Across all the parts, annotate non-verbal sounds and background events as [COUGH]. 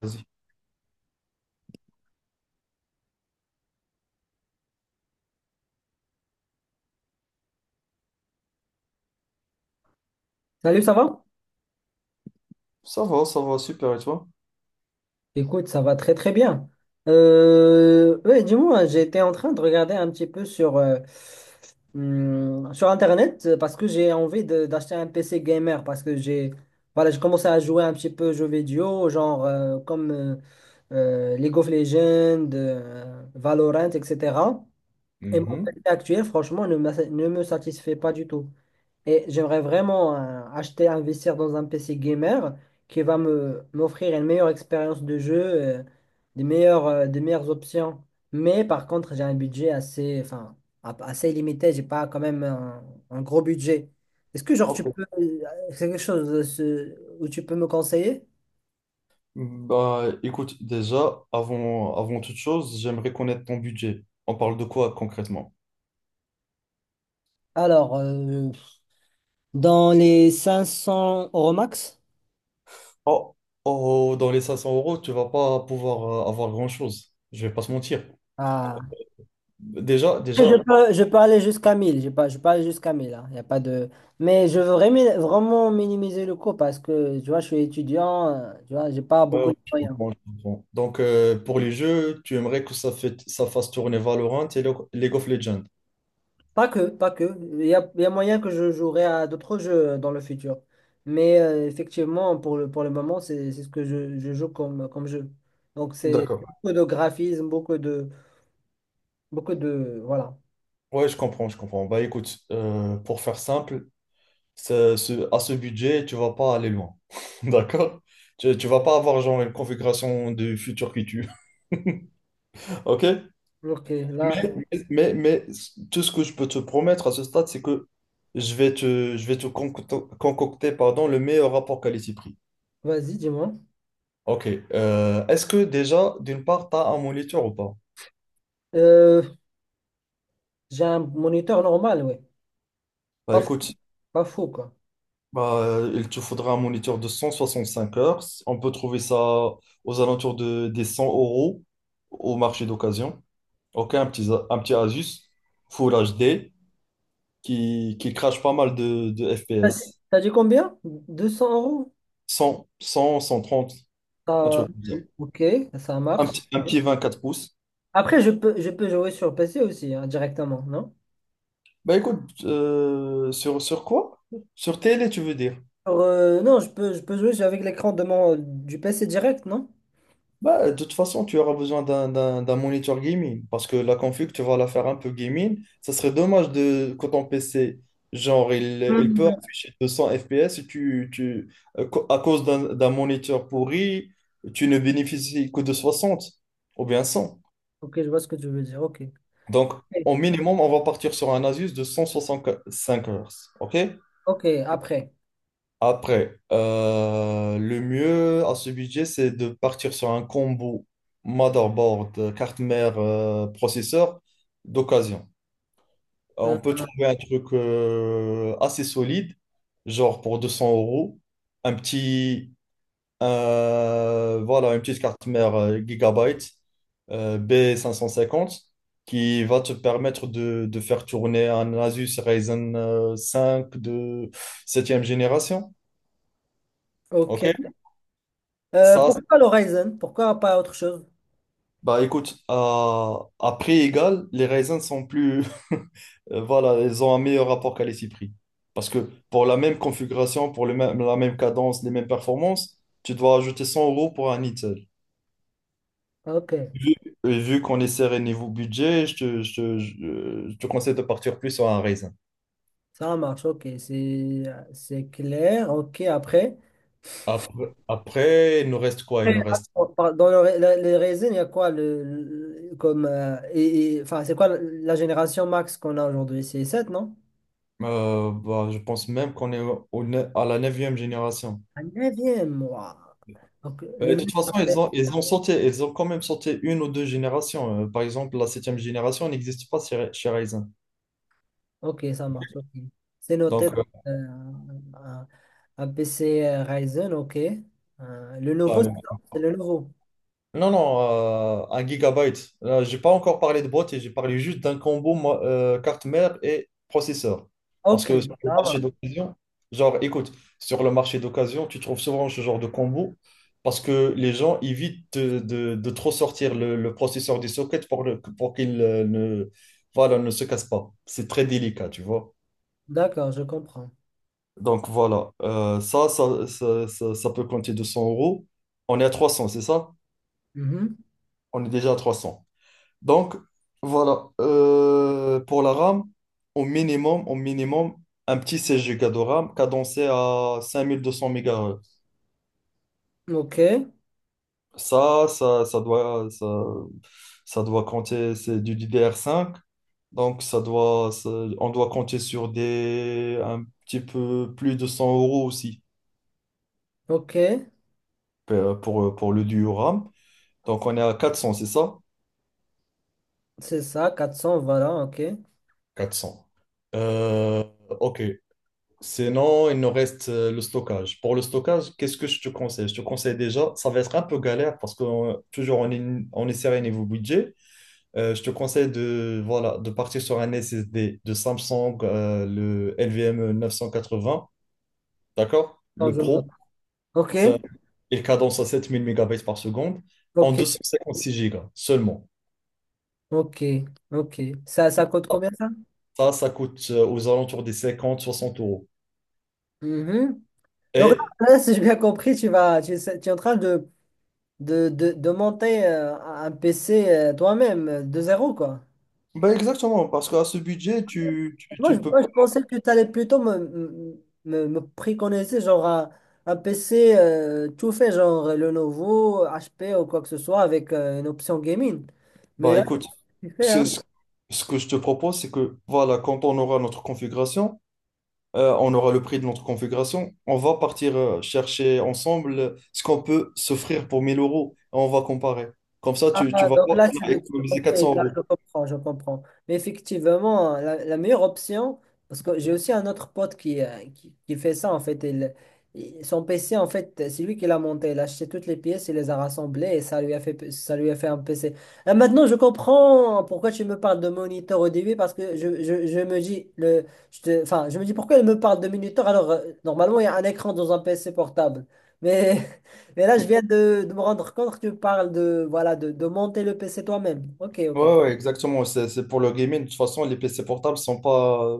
Vas-y. Salut, ça va? Ça va, super, et toi? Écoute, ça va très très bien. Ouais, dis-moi, j'étais en train de regarder un petit peu sur Internet parce que j'ai envie d'acheter un PC gamer parce que j'ai voilà, j'ai commencé à jouer un petit peu aux jeux vidéo, genre comme League of Legends, Valorant, etc. Et mon Mhm. PC actuel, franchement, ne me satisfait pas du tout. Et j'aimerais vraiment acheter, investir dans un PC gamer qui va me m'offrir une meilleure expérience de jeu, euh, des meilleures options. Mais par contre, j'ai un budget assez, enfin, assez limité. J'ai pas quand même un gros budget. Est-ce que genre tu OK. peux, c'est quelque chose où tu peux me conseiller? Bah, écoute, déjà, avant toute chose, j'aimerais connaître ton budget. On parle de quoi concrètement? Alors, dans les 500 € max? Oh, oh, dans les 500 euros, tu vas pas pouvoir avoir grand-chose. Je vais pas se mentir. Déjà, déjà, Je peux aller jusqu'à mille, hein, y a pas de... Mais je veux vraiment, vraiment minimiser le coût parce que, tu vois, je suis étudiant, tu vois, j'ai pas ouais, beaucoup ouais, de je moyens. comprends, je comprends. Donc, pour les jeux, tu aimerais que ça fasse tourner Valorant et League of Legends. Pas que, pas que. Il y a moyen que je jouerai à d'autres jeux dans le futur. Mais effectivement, pour le moment, c'est ce que je joue comme jeu. Donc, c'est D'accord. beaucoup de graphisme, beaucoup de, beaucoup de, voilà. Ouais, je comprends, je comprends. Bah écoute, pour faire simple, à ce budget, tu vas pas aller loin. [LAUGHS] D'accord? Tu vas pas avoir genre une configuration de futur qui tue. [LAUGHS] OK? Ok, là, Mais, mais tout ce que je peux te promettre à ce stade, c'est que je vais te concocter, concocter, pardon, le meilleur rapport qualité-prix. vas-y, dis-moi. OK. Est-ce que déjà, d'une part, tu as un moniteur ou pas? Euh, j'ai un moniteur normal, ouais. Bah Pas fou, écoute, pas fou, quoi. Il te faudra un moniteur de 165 heures. On peut trouver ça aux alentours des 100 € au marché d'occasion. OK, un petit Asus Full HD qui crache pas mal de T'as dit FPS. t'as dit combien? 200 euros? Cent trente, un Ah, truc comme ça. ok, ça Un marche. petit, un petit 24 pouces. Après, je peux jouer sur PC aussi, hein, directement, non? Bah écoute, sur quoi? Sur télé, tu veux dire? Non, je peux jouer avec l'écran de du PC direct, non? Bah, de toute façon, tu auras besoin d'un monitor gaming parce que la config, tu vas la faire un peu gaming. Ça serait dommage de quand ton PC, genre, il peut Mm. afficher 200 FPS et à cause d'un moniteur pourri, tu ne bénéficies que de 60 ou bien cent. Ok, je vois ce que tu veux dire. Ok. Donc, Ok, au minimum, on va partir sur un Asus de 165 Hz. OK? ok, après. Après, le mieux à ce budget, c'est de partir sur un combo motherboard, carte mère, processeur d'occasion. On Hein, peut hein, trouver un truc assez solide, genre pour 200 euros, un petit, voilà, une petite carte mère Gigabyte, b cinq cent cinquante, qui va te permettre de faire tourner un Asus Ryzen 5 de septième génération. ok. OK? Euh, Ça, pourquoi l'Horizon? Pourquoi pas autre chose? Bah écoute, à prix égal, les raisins sont plus... [LAUGHS] Voilà, ils ont un meilleur rapport qualité-prix. Parce que pour la même configuration, la même cadence, les mêmes performances, tu dois ajouter 100 € pour un Eatel. Ok, Vu, et vu qu'on est serré niveau budget, je te conseille de partir plus sur un raisin. ça marche. Ok, c'est clair. Ok, après. Après, il nous reste quoi? Très Il nous reste... rare. Dans les raisins, il y a quoi comme enfin c'est quoi la génération max qu'on a aujourd'hui? C'est sept non? Bah, je pense même qu'on est au, au ne- à la neuvième génération. La 9, waouh. Donc, le De toute mieux, façon, ça serait. Ils ont quand même sauté une ou deux générations. Par exemple, la septième génération n'existe pas chez Ryzen. Ok, ça marche. Ok. C'est noté dans, Donc, euh, un, un PC Ryzen, ok. Le là, nouveau, c'est ça. C'est le nouveau. non, non, un gigabyte. Là, j'ai pas encore parlé de boîte et j'ai parlé juste d'un combo moi, carte mère et processeur. Parce Ok, que sur le ça marché marche. d'occasion, genre, écoute, sur le marché d'occasion, tu trouves souvent ce genre de combo parce que les gens évitent de trop sortir le processeur des sockets pour qu'il ne, voilà, ne se casse pas. C'est très délicat, tu vois. D'accord, je comprends. Donc voilà. Ça peut compter 200 euros. On est à 300, c'est ça? Mhm. On est déjà à 300. Donc voilà. Pour la RAM, au minimum, un petit 16 Go de RAM cadencé à 5200 MHz. Ok, Ça, ça, ça doit, ça, ça doit compter, c'est du DDR5. Donc on doit compter un petit peu plus de 100 € aussi, ok, pour le duo RAM. Donc, on est à 400, c'est ça? c'est ça, 400 voilà, ok. 400. Euh, OK. Sinon, il nous reste le stockage. Pour le stockage, qu'est-ce que je te conseille? Je te conseille déjà, ça va être un peu galère parce que toujours on est serré niveau budget. Je te conseille voilà, de partir sur un SSD de Samsung, le quatre 980, d'accord? Quand Le je Pro, note. Ok, ça, il cadence à 7 000 MB par seconde en deux ok. cent cinquante-six gigas seulement. Ok, ok. Ça coûte combien ça? Ça coûte aux alentours des cinquante soixante euros. Mhm. Donc Et là, là, si j'ai bien compris, tu vas, tu, sais- tu es en train de monter un PC toi-même de zéro, quoi. bah exactement, parce qu'à ce budget, tu, tu, Moi, tu je, ne peux pas. moi, je pensais que tu allais plutôt me préconiser genre un PC tout fait, genre Lenovo, HP ou quoi que ce soit, avec une option gaming. Mais Bah là, écoute, tu fais, c'est hein? ce que je te propose, c'est que voilà, quand on aura notre configuration, on aura le prix de notre configuration, on va partir chercher ensemble ce qu'on peut s'offrir pour 1 000 € et on va comparer. Comme ça, tu Ah, vas donc voir là, tu qu'on a veux dire, économisé ok, 400 là, euros. je comprends, je comprends. Mais effectivement, la meilleure option, parce que j'ai aussi un autre pote qui fait ça, en fait. Son PC, en fait, c'est lui qui l'a monté. Il a acheté toutes les pièces, il les a rassemblées et ça lui a fait un PC. Ah, maintenant, je comprends pourquoi tu me parles de moniteur au début, parce que je me dis, enfin, je me dis pourquoi il me parle de moniteur alors normalement, il y a un écran dans un PC portable. Mais. [LAUGHS] Mais là, je Ouais, viens de me rendre compte que tu parles de, voilà, de monter le PC toi-même. Ok, ok. ouais, exactement, c'est pour le gaming. De toute façon, les PC portables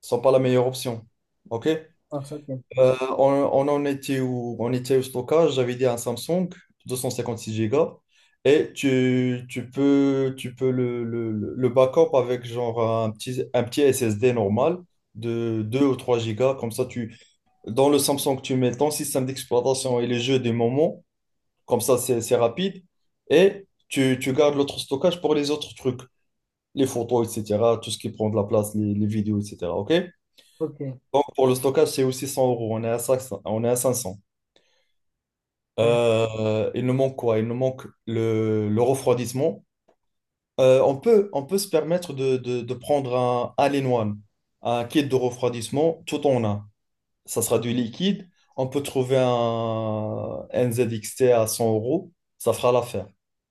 sont pas la meilleure option. OK? Ah, ça, ok, Euh, on, on en était où? On était au stockage, j'avais dit un Samsung 256 Go et tu peux le backup avec genre un petit SSD normal de 2 ou 3 Go. Comme ça, dans le Samsung, tu mets ton système d'exploitation et les jeux des moments. Comme ça, c'est rapide. Et tu gardes l'autre stockage pour les autres trucs, les photos, etc., tout ce qui prend de la place, les vidéos, etc. OK? ok. Donc, pour le stockage, c'est aussi 100 euros. On est à 500. On est à 500. Mhm. Il nous manque quoi? Il nous manque le refroidissement. On peut se permettre de prendre un Allen One, un kit de refroidissement, tout en un. Ça sera du liquide. On peut trouver un NZXT à 100 euros. Ça fera l'affaire.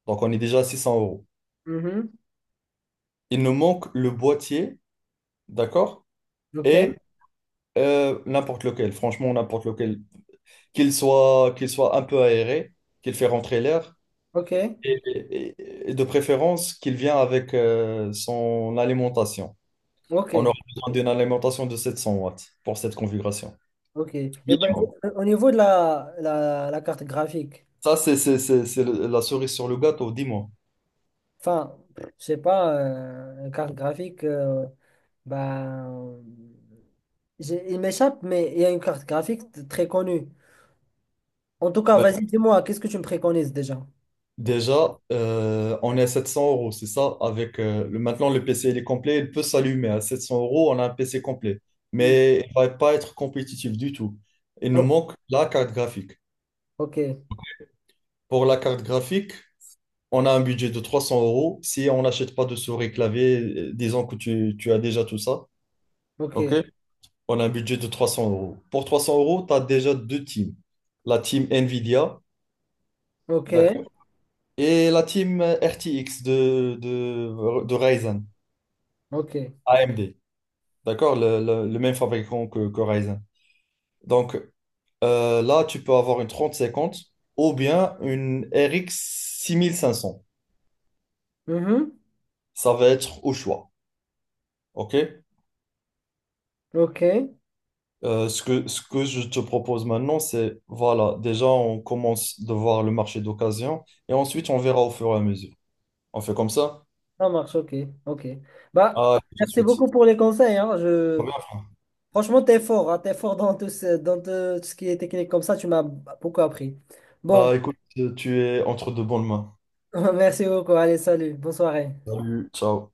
Donc, on est déjà à 600 euros. Mhm. Il nous manque le boîtier, d'accord? Ok, Et n'importe lequel, franchement, n'importe lequel. Qu'il soit un peu aéré, qu'il fait rentrer l'air. ok, Et, et et de préférence qu'il vient avec son alimentation. ok, On aura besoin d'une alimentation de 700 watts pour cette configuration. ok. Et ben, Minimum. au niveau de la carte graphique, Ça, c'est la cerise sur le gâteau, dis-moi. enfin, je sais pas, la carte graphique, ben, il m'échappe, mais il y a une carte graphique très connue. En tout cas, Ben, vas-y, dis-moi, qu'est-ce que tu me préconises déjà? déjà, on est à 700 euros, c'est ça? Avec, maintenant, le PC il est complet, il peut s'allumer. À 700 euros, on a un PC complet. Mm. Mais il ne va pas être compétitif du tout. Il nous O- manque la carte graphique. Ok, Pour la carte graphique, on a un budget de 300 euros. Si on n'achète pas de souris clavier, disons que tu as déjà tout ça, OK? ok, On a un budget de 300 euros. Pour 300 euros, tu as déjà deux teams. La team NVIDIA, ok, d'accord, et la team RTX de Ryzen, ok. AMD, d'accord, le même fabricant que Ryzen. Donc, là, tu peux avoir une 3050 ou bien une RX 6500. Mhm. Ça va être au choix, OK? Ok. Ce que je te propose maintenant, c'est, voilà, déjà, on commence de voir le marché d'occasion et ensuite, on verra au fur et à mesure. On fait comme ça? Ça marche, ok, ok. Bah, Ah, tout de merci suite. beaucoup pour les conseils, hein. Très Je... bien. Franchement, t'es fort, hein. T'es fort dans tout ce qui est technique comme ça, tu m'as beaucoup appris. Bon, Bah, écoute, tu es entre de bonnes mains. [LAUGHS] merci beaucoup, allez, salut, bonne soirée. Salut, ciao.